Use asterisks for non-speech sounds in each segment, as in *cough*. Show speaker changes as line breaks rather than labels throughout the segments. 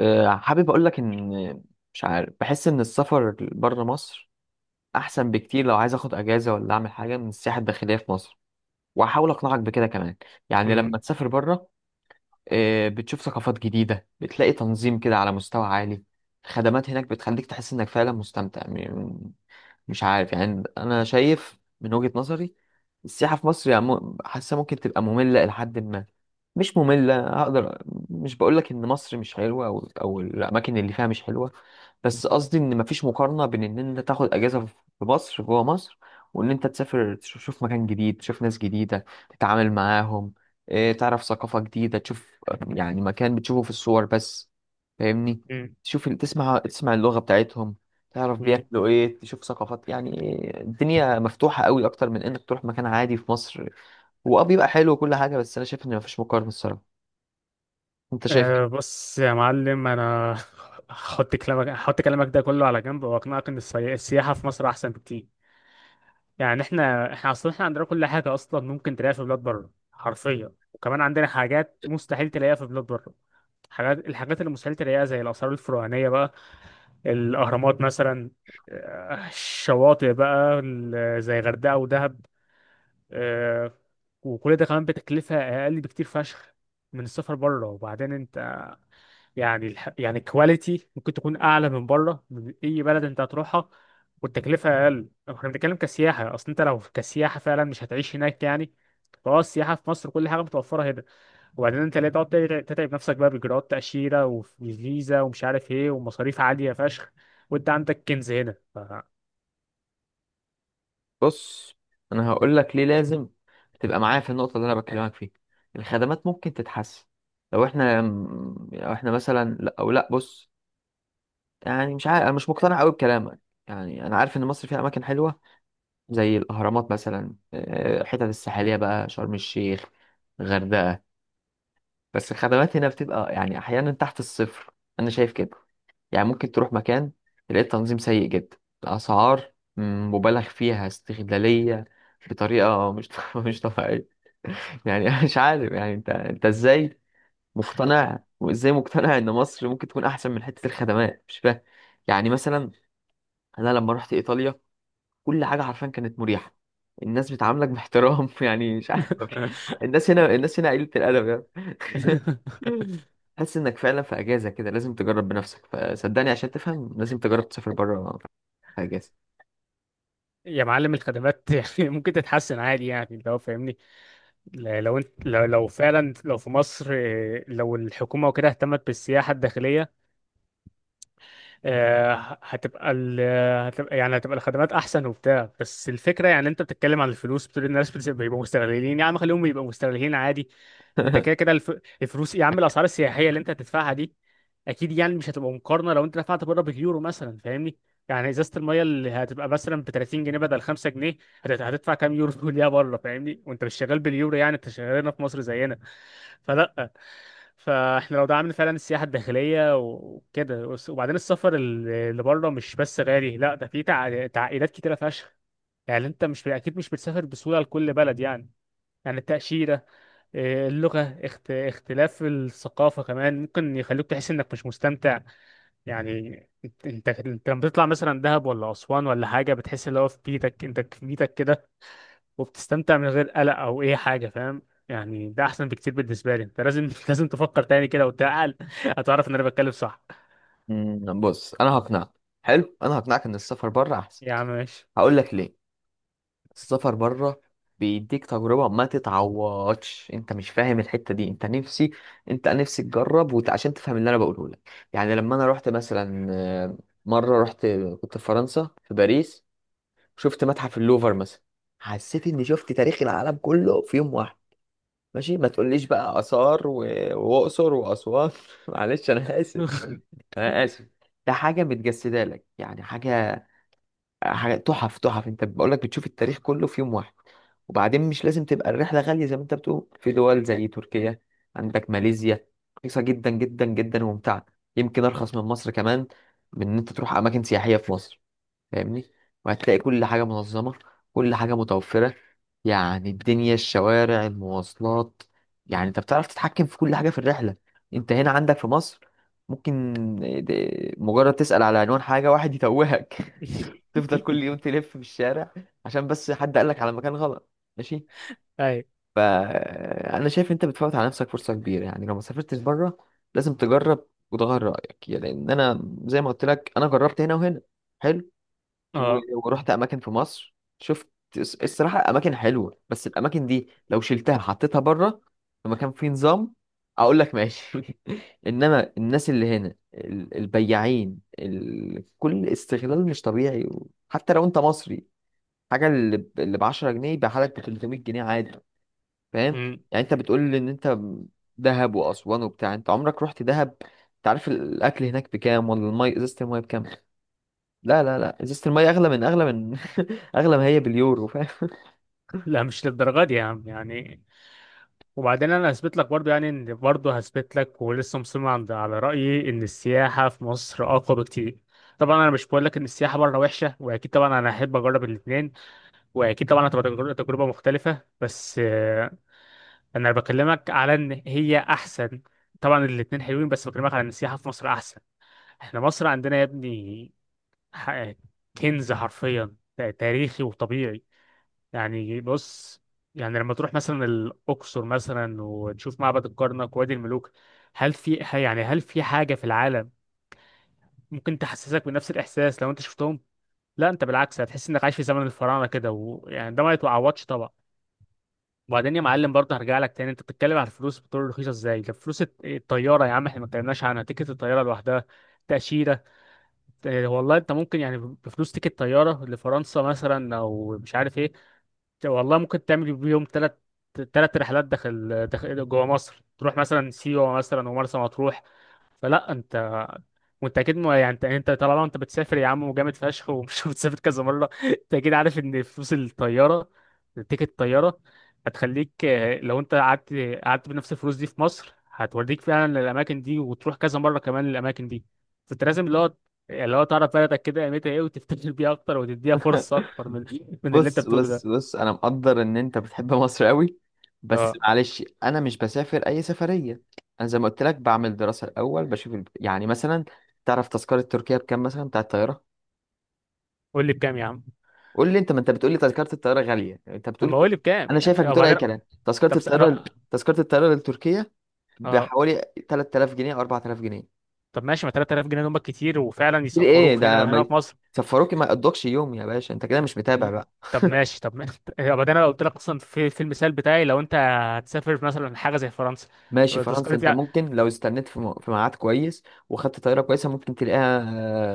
حابب اقول لك ان مش عارف، بحس ان السفر بره مصر احسن بكتير لو عايز اخد اجازه ولا اعمل حاجه من السياحه الداخليه في مصر. وهحاول اقنعك بكده كمان. يعني لما
مم.
تسافر بره، بتشوف ثقافات جديدة، بتلاقي تنظيم كده على مستوى عالي. الخدمات هناك بتخليك تحس انك فعلا مستمتع. مش عارف، يعني انا شايف من وجهة نظري السياحة في مصر، يعني حاسة ممكن تبقى مملة لحد ما. مش مملة هقدر، مش بقولك ان مصر مش حلوة او الاماكن اللي فيها مش حلوة، بس قصدي ان مفيش مقارنة بين ان انت تاخد اجازة في مصر جوه مصر، وان انت تسافر، تشوف مكان جديد، تشوف ناس جديدة تتعامل معاهم. إيه، تعرف ثقافة جديدة، تشوف يعني مكان بتشوفه في الصور بس. فاهمني؟
مم.
تشوف، تسمع اللغة بتاعتهم، تعرف
مم.
بياكلوا ايه، تشوف ثقافات يعني. إيه، الدنيا مفتوحة قوي اكتر من انك تروح مكان عادي في مصر. هو اه بيبقى حلو وكل حاجة، بس انا شايف ان مفيش مقارنة الصراحة. انت شايف
أه،
إيه؟
بص يا معلم، انا *laughs* هحط كلامك ده كله على جنب واقنعك ان السياحه في مصر احسن بكتير. يعني احنا اصلا عندنا كل حاجه اصلا ممكن تلاقيها في بلاد بره حرفيا، وكمان عندنا حاجات مستحيل تلاقيها في بلاد بره. الحاجات اللي مستحيل تلاقيها زي الاثار الفرعونيه بقى، الاهرامات مثلا، الشواطئ بقى، زي غردقه ودهب، آه، وكل ده كمان بتكلفه اقل بكتير فشخ من السفر بره. وبعدين انت، يعني الكواليتي ممكن تكون اعلى من بره، من اي بلد انت هتروحها، والتكلفه اقل. احنا بنتكلم كسياحه، اصل انت لو كسياحه فعلا مش هتعيش هناك يعني، فهو السياحه في مصر كل حاجه متوفره هنا. وبعدين انت ليه تقعد تتعب نفسك بقى باجراءات تاشيره وفيزا ومش عارف ايه ومصاريف عاليه فشخ، وانت عندك كنز هنا.
بص، انا هقول لك ليه لازم تبقى معايا في النقطة اللي انا بكلمك فيها. الخدمات ممكن تتحسن لو احنا، لو احنا مثلا لا، او لا بص، يعني مش عارف، انا مش مقتنع قوي بكلامك. يعني انا عارف ان مصر فيها اماكن حلوه زي الاهرامات مثلا، آه، الحتت الساحليه بقى، شرم الشيخ، غردقه. بس الخدمات هنا بتبقى يعني احيانا تحت الصفر. انا شايف كده. يعني ممكن تروح مكان تلاقي التنظيم سيء جدا، الاسعار مبالغ فيها استغلاليه بطريقه مش *laughs* مش طبيعيه. يعني أنا مش عارف، يعني انت ازاي مقتنع، وازاي مقتنع ان مصر ممكن تكون احسن من حته الخدمات؟ مش فاهم. يعني مثلا انا لما رحت ايطاليا كل حاجه حرفيا كانت مريحه، الناس بتعاملك باحترام *laughs* يعني مش عارف،
*laughs*
الناس هنا قليله الادب يعني *laughs* تحس انك فعلا في اجازه كده. لازم تجرب بنفسك، فصدقني عشان تفهم لازم تجرب تسافر بره في اجازه
يا معلم، الخدمات *laughs* يعني ممكن تتحسن عادي يعني لو فاهمني. لو فعلا لو في مصر، لو الحكومه وكده اهتمت بالسياحه الداخليه، آه، ه- هتبقى ال... هتبقى يعني هتبقى الخدمات احسن وبتاع. بس الفكره يعني انت بتتكلم عن الفلوس، بتقول الناس بيبقوا مستغلين. يا عم خليهم يبقوا مستغلين عادي، انت كده
*laughs*
كده الفلوس يا عم. الاسعار السياحيه اللي انت هتدفعها دي اكيد يعني مش هتبقى مقارنه لو انت دفعت بره باليورو مثلا، فاهمني؟ يعني ازازه الميه اللي هتبقى مثلا ب 30 جنيه بدل 5 جنيه، هتدفع كام يورو *laughs* ليها بره؟ فاهمني؟ وانت مش شغال باليورو، يعني انت شغال هنا في مصر زينا. فلا، فاحنا لو دعمنا فعلا السياحه الداخليه وكده وبعدين، السفر اللي بره مش بس غالي، لا ده في تعقيدات كتيره فشخ. يعني انت مش اكيد، مش بتسافر بسهوله لكل بلد يعني. يعني التأشيرة، اللغة، اختلاف الثقافة كمان ممكن يخليك تحس انك مش مستمتع يعني. انت لما بتطلع مثلا دهب ولا أسوان ولا حاجة، بتحس اللي هو في بيتك، انت في بيتك كده، وبتستمتع من غير قلق او اي حاجه، فاهم؟ يعني ده احسن بكتير بالنسبه لي. انت لازم *laughs* لازم تفكر تاني كده وتعقل، *laughs* هتعرف ان انا بتكلم صح.
بص انا هقنعك. حلو، انا هقنعك ان السفر بره احسن.
يا عم ماشي.
هقول لك ليه. السفر بره بيديك تجربة ما تتعوضش. انت مش فاهم الحتة دي. انت نفسي تجرب عشان تفهم اللي انا بقوله لك. يعني لما انا رحت مثلا، آه، مرة رحت كنت في فرنسا في باريس، شفت متحف اللوفر مثلا، حسيت اني شفت تاريخ العالم كله في يوم واحد. ماشي، ما تقوليش بقى آثار وأقصر وأسوان *laughs* معلش انا آسف،
*laughs*
انا آسف. ده حاجة متجسدة لك، يعني حاجة تحف تحف. انت بقول لك بتشوف التاريخ كله في يوم واحد. وبعدين مش لازم تبقى الرحلة غالية زي ما انت بتقول، في دول زي تركيا، عندك ماليزيا، رخيصة جدا جدا جدا وممتعة، يمكن أرخص من مصر كمان، من إن أنت تروح أماكن سياحية في مصر. فاهمني؟ وهتلاقي كل حاجة منظمة، كل حاجة متوفرة، يعني الدنيا، الشوارع، المواصلات. يعني أنت بتعرف تتحكم في كل حاجة في الرحلة. أنت هنا عندك في مصر، ممكن مجرد تسأل على عنوان حاجة واحد يتوهك *laughs* تفضل كل يوم تلف في الشارع عشان بس حد قالك على مكان غلط. ماشي.
اي.
فانا شايف انت بتفوت على نفسك فرصه كبيره يعني لو ما سافرتش بره. لازم تجرب وتغير رايك يعني، لان انا زي ما قلت لك انا جربت هنا وهنا. حلو، و-
اه.
ورحت اماكن في مصر، شفت الصراحه اماكن حلوه، بس الاماكن دي لو شلتها حطيتها بره في مكان فيه نظام اقول لك ماشي *laughs* انما الناس اللي هنا البياعين، كل استغلال مش طبيعي، حتى لو انت مصري. حاجه اللي ب 10 جنيه يبقى لك ب 300 جنيه عادي. فاهم؟
أمم.
يعني انت بتقول لي ان انت دهب واسوان وبتاع، انت عمرك رحت دهب؟ انت عارف الاكل هناك بكام؟ ولا المي، ازازه الميه بكام؟ لا لا لا، ازازه الميه اغلى من، *laughs* اغلى ما هي باليورو. فاهم؟
لا، مش للدرجه دي يا عم يعني. وبعدين انا هثبت لك برضه يعني، ان برضه هثبت لك، ولسه مصمم عند على رايي ان السياحه في مصر اقوى بكتير. طبعا انا مش بقول لك ان السياحه بره وحشه، واكيد طبعا انا احب اجرب الاثنين، واكيد طبعا هتبقى تجربه مختلفه، بس انا بكلمك على ان هي احسن. طبعا الاتنين حلوين، بس بكلمك على ان السياحه في مصر احسن. احنا مصر عندنا يا ابني ح- كنز حرفيا، تاريخي وطبيعي. يعني بص، يعني لما تروح مثلا الاقصر مثلا وتشوف معبد الكرنك ووادي الملوك، هل في هل في حاجه في العالم ممكن تحسسك بنفس الاحساس لو انت شفتهم؟ لا، انت بالعكس هتحس انك عايش في زمن الفراعنه كده، ويعني ده ما يتعوضش طبعا. وبعدين يا معلم برضه هرجع لك تاني، انت بتتكلم على الفلوس بتقول رخيصه ازاي؟ ده فلوس الطياره يا عم، احنا ما اتكلمناش عنها، تيكت الطياره لوحدها، تاشيره. اه، والله انت ممكن يعني بفلوس تيكت طياره لفرنسا مثلا او مش عارف ايه، والله ممكن تعمل بيهم ثلاث رحلات داخل جوه مصر، تروح مثلا سيوه مثلا ومرسى مطروح. فلا، انت وانت اكيد يعني انت طالما انت بتسافر يا عم وجامد فشخ، ومش *laughs* بتسافر كذا مره، انت اكيد عارف ان فلوس الطياره، تيكت الطياره هتخليك، لو انت قعدت بنفس الفلوس دي في مصر، هتوريك فعلا الاماكن دي، وتروح كذا مره كمان الاماكن دي. فانت لازم اللي هو تعرف بلدك كده قيمتها ايه، وتفتكر بيها اكتر، وتديها فرصه اكتر من *laughs* من اللي انت
بص
بتقوله
بص
ده.
بص، انا مقدر ان انت بتحب مصر قوي. بس
اه.
معلش انا مش بسافر اي سفريه. انا زي ما قلت لك بعمل دراسه الاول، بشوف يعني مثلا، تعرف تذكره تركيا بكام مثلا بتاع الطياره؟
قول لي بكام يا عم؟
قول لي، انت ما انت بتقول لي تذكره الطياره غاليه، انت
طب
بتقول
ما
كده.
قول لي بكام
انا شايفك
يعني،
بتقول اي
وبعدين.
كلام. تذكره
طب س-
الطياره،
انا
تذكره الطياره لتركيا
اه.
بحوالي 3000 جنيه او 4000 جنيه.
طب ماشي، ما 3000 جنيه دول كتير، وفعلا
كتير ايه
يسفروك
ده؟
هنا، هنا
ما
في مصر.
يسفروك، ما يقضكش يوم يا باشا، انت كده مش متابع بقى.
طب ماشي، طب ما- *laughs* يبقى ده انا قلت لك اصلا في في المثال بتاعي لو انت هتسافر مثلا حاجه زي فرنسا،
ماشي، فرنسا
تذكرة
انت
يعني.
ممكن لو استنيت في في ميعاد كويس وخدت طياره كويسه ممكن تلاقيها،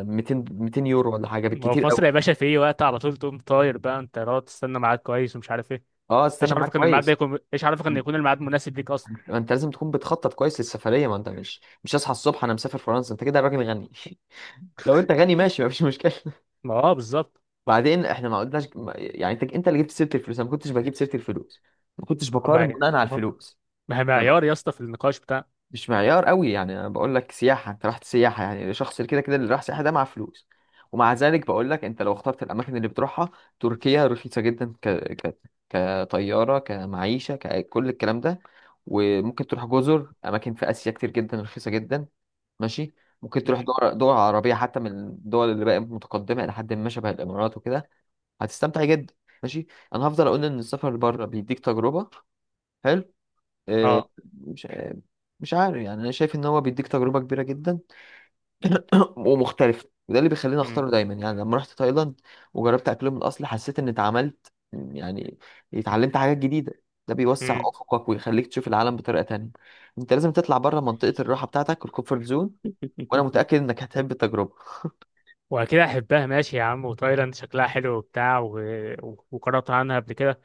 آه، 200، 200 يورو ولا حاجه
ما هو
بالكتير
في
قوي.
مصر يا باشا في اي وقت على طول تقوم طاير بقى، انت تقعد تستنى ميعاد كويس ومش عارف ايه؟
اه
ايش
استنى معاك
عارفك ان الميعاد ده
كويس.
يكون ايش عارفك ان يكون الميعاد مناسب ليك اصلا؟
ما انت لازم تكون بتخطط كويس للسفريه، ما انت مش هصحى الصبح انا مسافر فرنسا. انت كده راجل غني *laughs* لو انت غني ماشي مفيش مشكله.
ما اه، بالظبط.
بعدين احنا ما قلناش، يعني انت اللي جبت سيره الفلوس، انا ما كنتش بجيب سيره الفلوس، ما كنتش
طب ما
بقارن
هي
بناء على
ما
الفلوس.
ما هي
انا ب...
معيار يا اسطى في النقاش بتاع.
مش معيار قوي يعني. انا بقول لك سياحه، انت رحت سياحه، يعني الشخص اللي كده كده اللي راح سياحه ده مع فلوس. ومع ذلك بقول لك انت لو اخترت الاماكن اللي بتروحها، تركيا رخيصه جدا كطياره، كمعيشه، ككل الكلام ده. وممكن تروح جزر، اماكن في اسيا كتير جدا رخيصه جدا. ماشي، ممكن تروح
امم.
دول عربيه حتى، من الدول اللي بقت متقدمه الى حد ما، شبه الامارات وكده، هتستمتع جدا. ماشي. انا هفضل اقول ان السفر بره بيديك تجربه. حلو، آه،
اه.
مش مش عارف يعني، انا شايف ان هو بيديك تجربه كبيره جدا *clears throat* ومختلفه، وده اللي بيخليني
امم.
اختاره دايما. يعني لما رحت تايلاند وجربت اكلهم الاصلي حسيت ان اتعملت، يعني اتعلمت حاجات جديده. ده بيوسع
امم.
افقك ويخليك تشوف العالم بطريقه تانية. انت لازم تطلع بره منطقه الراحه بتاعتك، الكومفورت زون. وانا
*laughs*
متاكد انك هتحب التجربه.
واكيد احبها، ماشي يا عم، وتايلاند شكلها حلو وبتاع وقرأت عنها قبل كده.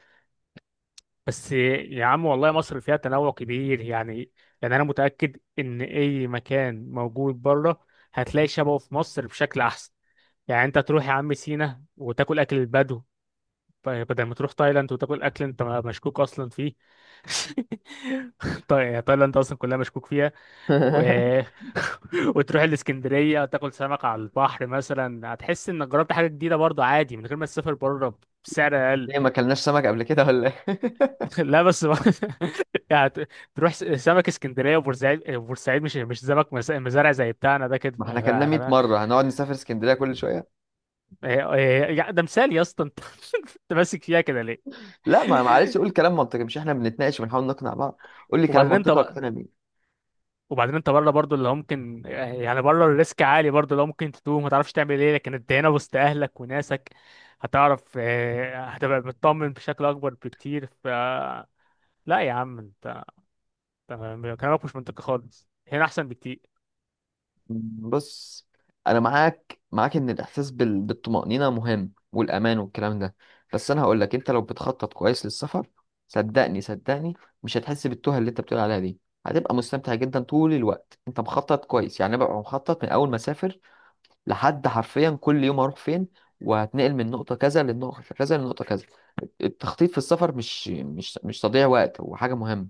بس يا عم والله مصر فيها تنوع كبير يعني. يعني انا متاكد ان اي مكان موجود بره هتلاقي شبهه في مصر بشكل احسن. يعني انت تروح يا عم سينا وتاكل اكل البدو، بدل ما تروح تايلاند وتاكل اكل انت مشكوك اصلا فيه. *laughs* تايلاند اصلا كلها مشكوك فيها. و...
*laughs*
*laughs* وتروح الاسكندريه وتاكل سمك على البحر مثلا، هتحس انك جربت حاجه جديده برضه عادي من غير ما تسافر بره، بسعر اقل.
ليه ما اكلناش سمك قبل كده ولا ايه *laughs*
*laughs* لا بس *laughs* يعني ت- تروح سمك اسكندريه وبورسعيد، بورسعيد مش سمك، مزارع زي بتاعنا ده كده
ما احنا كلمنا 100 مرة هنقعد نسافر اسكندرية كل شوية.
ده مثال يا اسطى، انت *laughs* انت ماسك فيها كده ليه؟
لا ما معلش، قول كلام منطقي. مش احنا بنتناقش وبنحاول نقنع بعض؟ قول لي كلام
وبعدين انت
منطقي
بقى
اقتنع بيه.
وبعدين انت بره برضو اللي هو ممكن، يعني بره الريسك عالي برضو، اللي هو ممكن تتوه، ما تعرفش تعمل ايه، لكن انت هنا وسط اهلك وناسك، هتعرف، هتبقى مطمن بشكل اكبر بكتير. ف لا يا عم، انت كلامك مش منطقي خالص، هنا احسن بكتير.
بص، انا معاك ان الاحساس بالطمأنينة مهم، والامان والكلام ده. بس انا هقول لك، انت لو بتخطط كويس للسفر، صدقني مش هتحس بالتوه اللي انت بتقول عليها دي. هتبقى مستمتع جدا طول الوقت انت مخطط كويس. يعني أنا ببقى مخطط من اول ما اسافر لحد حرفيا كل يوم هروح فين، وهتنقل من نقطة كذا للنقطة كذا للنقطة كذا. التخطيط في السفر مش تضييع وقت، هو حاجة مهمة.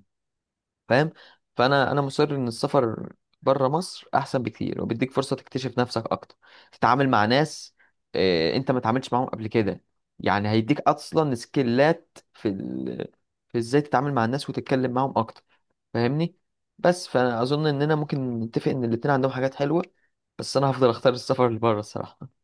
فاهم؟ فأنا مصر إن السفر بره مصر أحسن بكتير، وبيديك فرصة تكتشف نفسك أكتر، تتعامل مع ناس، آه، أنت ما اتعاملتش معاهم قبل كده. يعني هيديك أصلا سكيلات في في إزاي تتعامل مع الناس وتتكلم معاهم أكتر. فاهمني؟ بس فأنا أظن إننا ممكن نتفق إن الاتنين عندهم حاجات حلوة، بس أنا هفضل أختار السفر اللي بره الصراحة.